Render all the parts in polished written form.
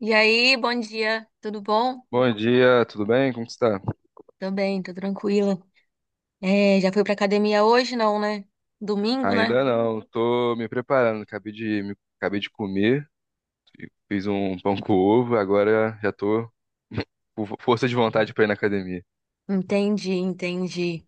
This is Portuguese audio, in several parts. E aí, bom dia, tudo bom? Bom dia, tudo bem? Como que está? Tô bem, tô tranquila. É, já fui pra academia hoje, não, né? Domingo, né? Ainda não, tô me preparando. Acabei de comer, fiz um pão com ovo, agora já tô com força de vontade para ir na academia. Entendi, entendi.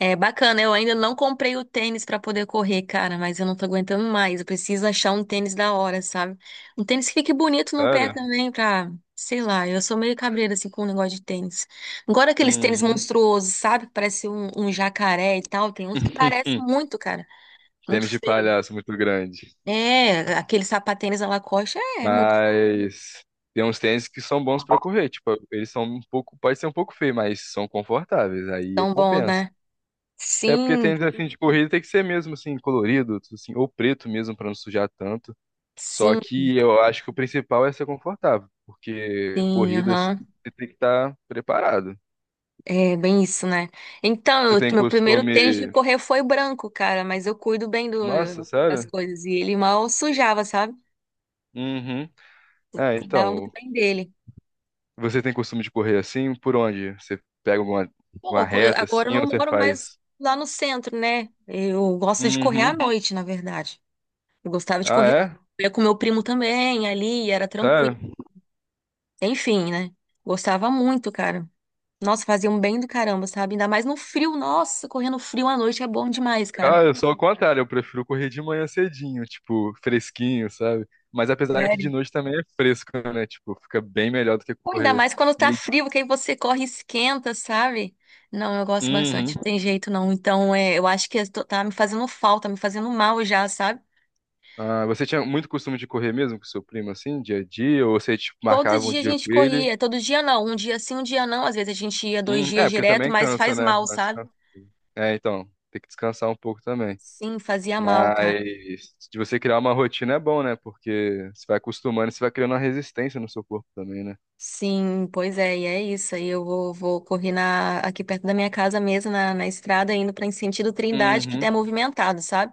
É bacana, eu ainda não comprei o tênis pra poder correr, cara, mas eu não tô aguentando mais. Eu preciso achar um tênis da hora, sabe? Um tênis que fique bonito no pé Claro? também, pra, sei lá, eu sou meio cabreira assim com o negócio de tênis. Agora aqueles tênis Uhum. monstruosos, sabe? Que parece um jacaré e tal, tem uns que parecem muito, cara. Muito Tênis de feio. palhaço muito grande. É, aquele sapatênis à Lacoste é muito Mas tem uns tênis que são bons para correr, tipo, eles são um pouco, pode ser um pouco feio, mas são confortáveis, aí tão bom, compensa. né? É porque Sim, tênis assim de corrida tem que ser mesmo assim colorido, assim, ou preto mesmo para não sujar tanto. Só sim, que eu acho que o principal é ser confortável, porque sim, corridas aham. você tem que estar preparado. É bem isso, né? Então, Você tem meu primeiro tênis de costume. correr foi branco, cara, mas eu cuido bem Nossa, das sério? coisas. E ele mal sujava, sabe? Uhum. É, Cuidava muito então, bem dele. você tem costume de correr assim? Por onde? Uma Pô, reta agora eu assim ou não você moro mais faz? lá no centro, né? Eu gosto de correr à Uhum. noite, na verdade. Eu gostava de Ah, correr. é? Eu ia com meu primo também ali, era tranquilo. Sério? Enfim, né? Gostava muito, cara. Nossa, fazia um bem do caramba, sabe? Ainda mais no frio. Nossa, correndo frio à noite é bom demais, cara. Ah, eu sou ao contrário, eu prefiro correr de manhã cedinho, tipo, fresquinho, sabe? Mas apesar que Sério? de noite também é fresco, né? Tipo, fica bem melhor do que Ou ainda correr mais quando tá meio. frio, que aí você corre e esquenta, sabe? Não, eu gosto bastante. Uhum. Não tem jeito, não. Então, é, eu acho que tá me fazendo falta, me fazendo mal já, sabe? Ah, você tinha muito costume de correr mesmo com seu primo, assim, dia a dia? Ou você, tipo, Todo marcava um dia a dia gente com ele? corria. Todo dia não. Um dia sim, um dia não. Às vezes a gente ia dois dias É, porque direto, também mas cansa, faz né? mal, Dá sabe? descanso. É, então, tem que descansar um pouco também. Sim, fazia mal, cara. Mas de você criar uma rotina é bom, né? Porque você vai acostumando, e você vai criando uma resistência no seu corpo também, né? Sim, pois é, e é isso. Aí eu vou correr aqui perto da minha casa mesmo, na estrada, indo para em sentido Trindade, que Uhum. é movimentado, sabe?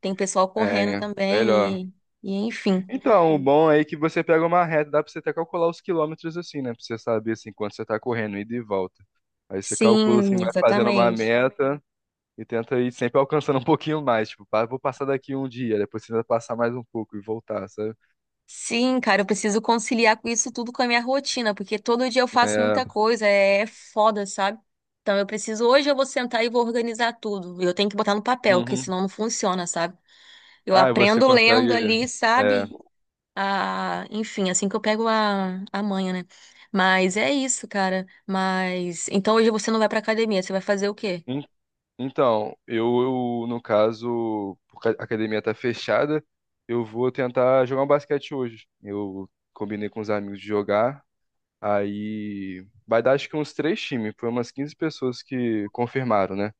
Tem pessoal correndo É, melhor. também e enfim. Então, o bom aí é que você pega uma reta, dá pra você até calcular os quilômetros assim, né? Pra você saber assim quanto você tá correndo, ida e volta. Aí você calcula Sim, assim, vai fazendo uma exatamente. meta. E tenta ir sempre alcançando um pouquinho mais. Tipo, pá, vou passar daqui um dia, depois tenta passar mais um pouco e voltar, sabe? Sim, cara, eu preciso conciliar com isso tudo com a minha rotina, porque todo dia eu faço muita É. coisa, é foda, sabe? Então eu preciso, hoje eu vou sentar e vou organizar tudo. Eu tenho que botar no papel, porque Uhum. senão não funciona, sabe? Eu Ah, e você aprendo lendo consegue. ali, É. sabe? Enfim, assim que eu pego a manha, né? Mas é isso, cara. Mas então hoje você não vai pra academia, você vai fazer o quê? En- Então, no caso, porque a academia tá fechada, eu vou tentar jogar um basquete hoje. Eu combinei com os amigos de jogar. Aí vai dar acho que uns três times, foi umas 15 pessoas que confirmaram, né?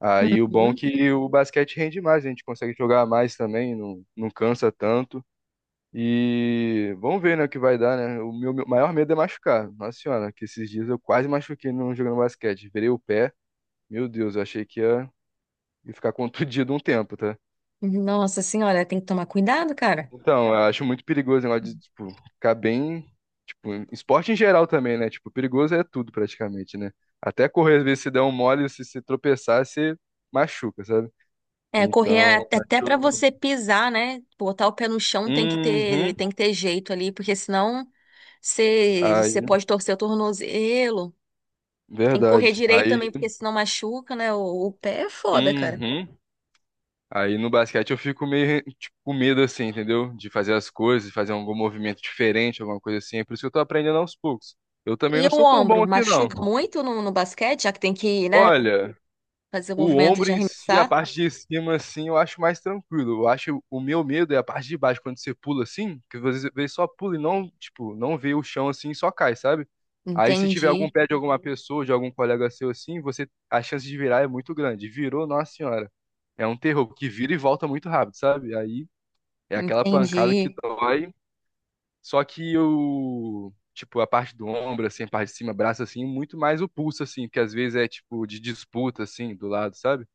Aí o bom é Uhum. que o basquete rende mais, a gente consegue jogar mais também, não cansa tanto. E vamos ver, né, o que vai dar, né? Meu maior medo é machucar. Nossa senhora, que esses dias eu quase machuquei no jogando basquete. Virei o pé. Meu Deus, eu achei que ia ficar contundido um tempo, tá? Nossa senhora, tem que tomar cuidado, cara. Então, eu acho muito perigoso o negócio de, tipo, ficar bem. Tipo, em esporte em geral também, né? Tipo, perigoso é tudo praticamente, né? Até correr, às vezes, se der um mole, se tropeçar, você machuca, sabe? É, correr Então, até pra acho- você pisar, né? Botar o pé no chão Uhum. tem que ter jeito ali, porque senão você Aí, pode torcer o tornozelo. Tem que correr verdade. direito também, Aí, porque senão machuca, né? O pé é foda, cara. uhum. Aí no basquete eu fico meio tipo, com medo assim, entendeu? De fazer as coisas, de fazer algum movimento diferente, alguma coisa assim. É por isso que eu tô aprendendo aos poucos. Eu também E não o sou tão bom ombro? assim, Machuca não. muito no basquete, já que tem que né? Olha, Fazer o o movimento ombro de em si, a arremessar? parte de cima, assim, eu acho mais tranquilo. Eu acho o meu medo é a parte de baixo, quando você pula assim, que você vê só pula e não, tipo, não vê o chão assim e só cai, sabe? Aí se tiver algum Entendi, pé de alguma pessoa, de algum colega seu assim, você a chance de virar é muito grande. Virou, nossa senhora. É um terror, porque vira e volta muito rápido, sabe? Aí é aquela pancada que entendi. dói, só que o, tipo, a parte do ombro, assim, a parte de cima, braço, assim, muito mais o pulso, assim, que às vezes é, tipo, de disputa, assim, do lado, sabe?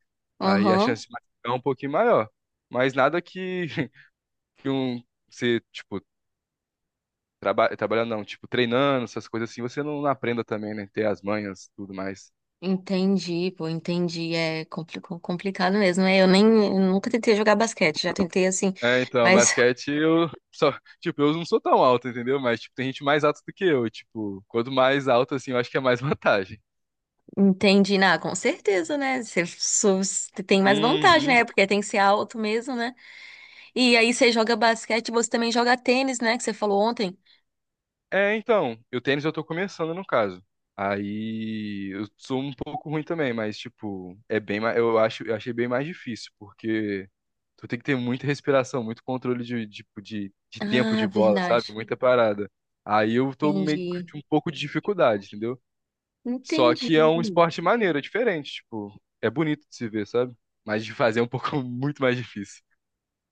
Aí a Aham, chance de machucar é um pouquinho maior. Mas nada que, que um, você, tipo, trabalhando, não, tipo, treinando, essas coisas assim, você não aprenda também, né? Ter as manhas, tudo mais. entendi, pô, entendi. É complicado mesmo, né? Eu nunca tentei jogar basquete, já tentei assim, É, então, mas basquete, eu só, tipo, eu não sou tão alto, entendeu? Mas, tipo, tem gente mais alta do que eu, e, tipo, quanto mais alto, assim, eu acho que é mais vantagem. entendi, na com certeza, né? Você você tem mais vantagem, Uhum. né? Porque tem que ser alto mesmo, né? E aí você joga basquete, você também joga tênis, né? Que você falou ontem. É, então, o tênis eu tô começando no caso. Aí eu sou um pouco ruim também, mas tipo, é bem, eu acho, eu achei bem mais difícil, porque tu tem que ter muita respiração, muito controle de tempo Ah, de bola, sabe? verdade. Muita parada. Aí eu tô meio que Entendi. com um pouco de dificuldade, entendeu? Só Entendi. que é um esporte maneiro, é diferente, tipo, é bonito de se ver, sabe? Mas de fazer é um pouco muito mais difícil.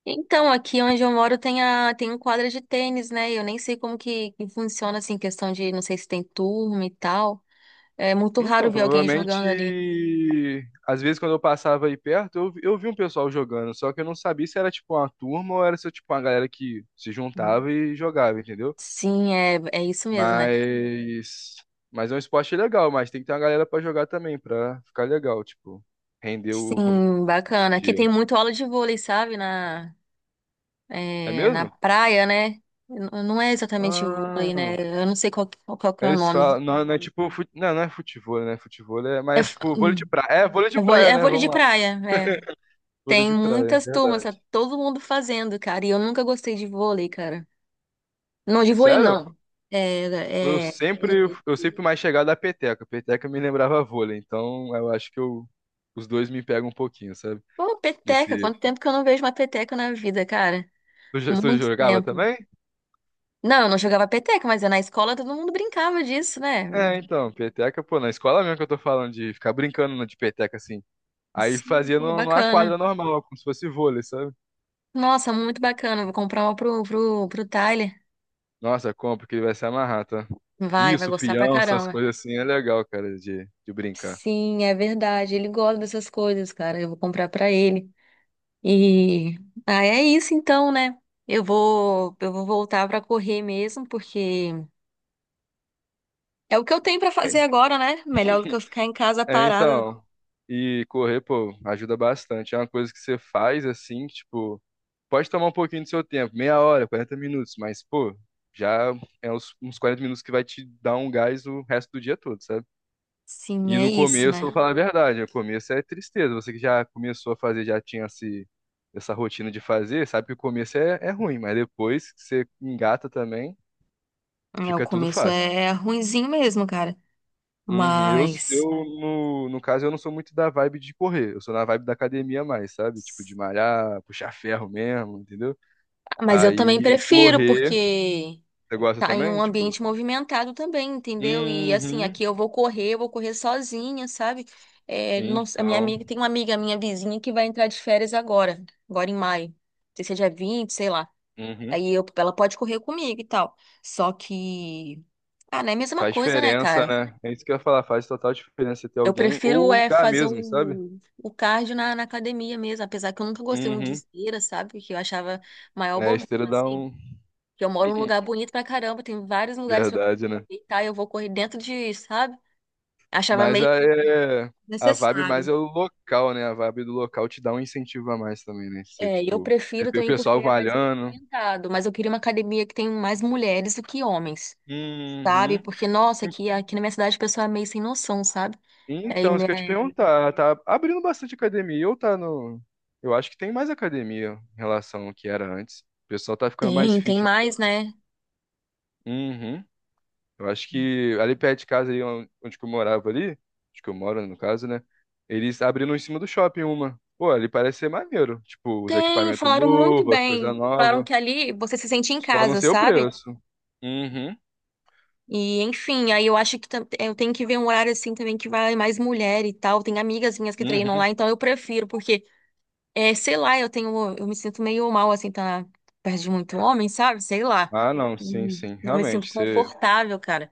Então, aqui onde eu moro tem a tem um quadra de tênis, né? Eu nem sei como que funciona assim, questão de não sei se tem turma e tal. É muito Então, raro ver alguém jogando ali. provavelmente, às vezes quando eu passava aí perto, eu vi um pessoal jogando, só que eu não sabia se era tipo uma turma ou era se tipo uma galera que se juntava e jogava, entendeu? Sim, é, é isso mesmo, né? Mas, mas é um esporte legal, mas tem que ter uma galera pra jogar também, pra ficar legal, tipo, render o Sim, bacana. Aqui tem dia. muito aula de vôlei, sabe? É É, na mesmo? praia, né? Não é exatamente vôlei, Ah, né? Eu não sei qual, qual, qual que é o eles falam, nome. Não é tipo, não, não é futebol, né? Futebol é, É, mas é tipo vôlei de praia. É, vôlei de praia, é né? vôlei Vamos de lá. praia, é. Vôlei Tem de praia, é muitas turmas, tá verdade. todo mundo fazendo, cara. E eu nunca gostei de vôlei, cara. Não, de vôlei Sério? não. É, Eu é... eu sempre mais chegado à peteca. Peteca me lembrava vôlei, então eu acho que eu, os dois me pegam um pouquinho, sabe? Pô, peteca, Desse, quanto tempo que eu não vejo uma peteca na vida, cara? tu, tu Muito jogava tempo. também? Não, eu não jogava peteca, mas na escola todo mundo brincava disso, né? É, então, peteca, pô, na escola mesmo que eu tô falando de ficar brincando de peteca assim. Aí Sim, fazia pô, numa bacana. quadra normal, como se fosse vôlei, sabe? Nossa, muito bacana. Vou comprar uma pro Tyler. Nossa, compra que ele vai se amarrar, tá? Vai Isso, gostar pra peão, essas caramba. coisas assim é legal, cara, de brincar. Sim, é verdade. Ele gosta dessas coisas, cara. Eu vou comprar pra ele. E ah, é isso então, né? Eu vou voltar pra correr mesmo, porque é o que eu tenho pra fazer agora, né? Melhor do que eu ficar em casa É, parada. então. E correr, pô, ajuda bastante. É uma coisa que você faz assim, tipo. Pode tomar um pouquinho do seu tempo, meia hora, 40 minutos, mas, pô, já é uns 40 minutos que vai te dar um gás o resto do dia todo, sabe? Sim, E é no isso, começo, eu vou né? falar a verdade, no começo é tristeza. Você que já começou a fazer, já tinha esse, essa rotina de fazer, sabe que o começo é, é ruim, mas depois que você engata também, É, o fica tudo começo fácil. é ruinzinho mesmo, cara. Uhum. Eu, Mas. eu no, no caso, eu não sou muito da vibe de correr, eu sou na vibe da academia mais, sabe? Tipo, de malhar, puxar ferro mesmo, entendeu? Mas eu também Aí, prefiro, correr, porque você gosta tá em um também? ambiente Tipo. movimentado também, entendeu? E assim, Uhum. aqui eu vou correr sozinha, sabe? É, a minha Então, amiga, tem uma amiga minha vizinha que vai entrar de férias agora, agora em maio. Não sei se é dia 20, sei lá. uhum. Aí eu, ela pode correr comigo e tal. Só que. Ah, não é a mesma Faz coisa, né, diferença, cara? né? É isso que eu ia falar, faz total diferença ter Eu alguém ou prefiro o é lugar fazer mesmo, sabe? O cardio na academia mesmo, apesar que eu nunca gostei muito de Uhum. esteira, sabe? Porque eu achava maior É, a bobeira, esteira dá assim. um. Que eu moro num lugar bonito pra caramba, tem vários lugares pra Verdade, né? deitar e eu vou correr dentro de, sabe? Achava Mas meio a, é- a vibe mais necessário. é o local, né? A vibe do local te dá um incentivo a mais também, né? Você, É, e eu tipo, você prefiro vê o também porque pessoal é mais malhando. movimentado, mas eu queria uma academia que tem mais mulheres do que homens, sabe? Uhum. Porque, nossa, En- aqui na minha cidade o pessoal é meio sem noção, sabe? Aí, Então, isso né, que eu ia te perguntar, tá abrindo bastante academia ou tá no. Eu acho que tem mais academia em relação ao que era antes. O pessoal tá ficando mais tem, tem fit. Né? mais, né? Uhum. Eu acho que ali perto de casa, ali onde que eu morava ali, onde que eu moro, no caso, né? Eles abriram em cima do shopping uma. Pô, ali parece ser maneiro. Tipo, os Tem, equipamentos falaram muito novos, as coisas bem. Falaram novas. que ali você se sente em Só não casa, sei o sabe? preço. Uhum, E enfim, aí eu acho que eu tenho que ver um horário assim também que vai mais mulher e tal. Tem amigas minhas que treinam lá, uhum. então eu prefiro, porque, é, sei lá, eu me sinto meio mal assim, tá perto de muito homem, sabe? Sei lá. Ah, não, sim, sim. Não me sinto Realmente, você... confortável, cara.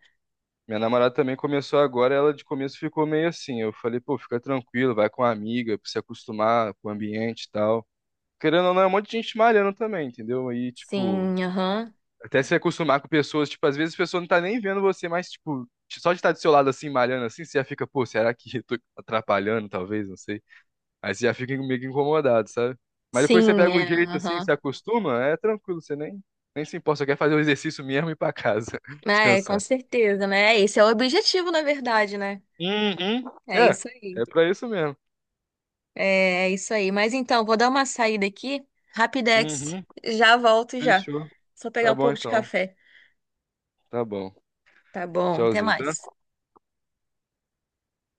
Minha namorada também começou agora, ela de começo ficou meio assim. Eu falei, pô, fica tranquilo, vai com a amiga, pra se acostumar com o ambiente e tal. Querendo ou não, é um monte de gente malhando também, entendeu? Aí, tipo, Sim, aham. até se acostumar com pessoas, tipo, às vezes a pessoa não tá nem vendo você, mas, tipo, só de estar do seu lado assim, malhando assim, você já fica, pô, será que eu tô atrapalhando, talvez, não sei. Aí você já fica meio que incomodado, sabe? Mas depois você Sim, pega o é, jeito assim, aham. se acostuma, é tranquilo, você nem, nem se importa, só quer fazer o exercício mesmo e ir pra casa, Ah, é, com descansar. certeza, né? Esse é o objetivo, na verdade, né? Uhum. É É, isso aí. é pra isso mesmo. É é isso aí. Mas então, vou dar uma saída aqui. Rapidex. Uhum. Já volto já. Fechou. Só Tá pegar um bom pouco de então. café. Tá bom. Tá bom, até Tchauzinho, tá? mais.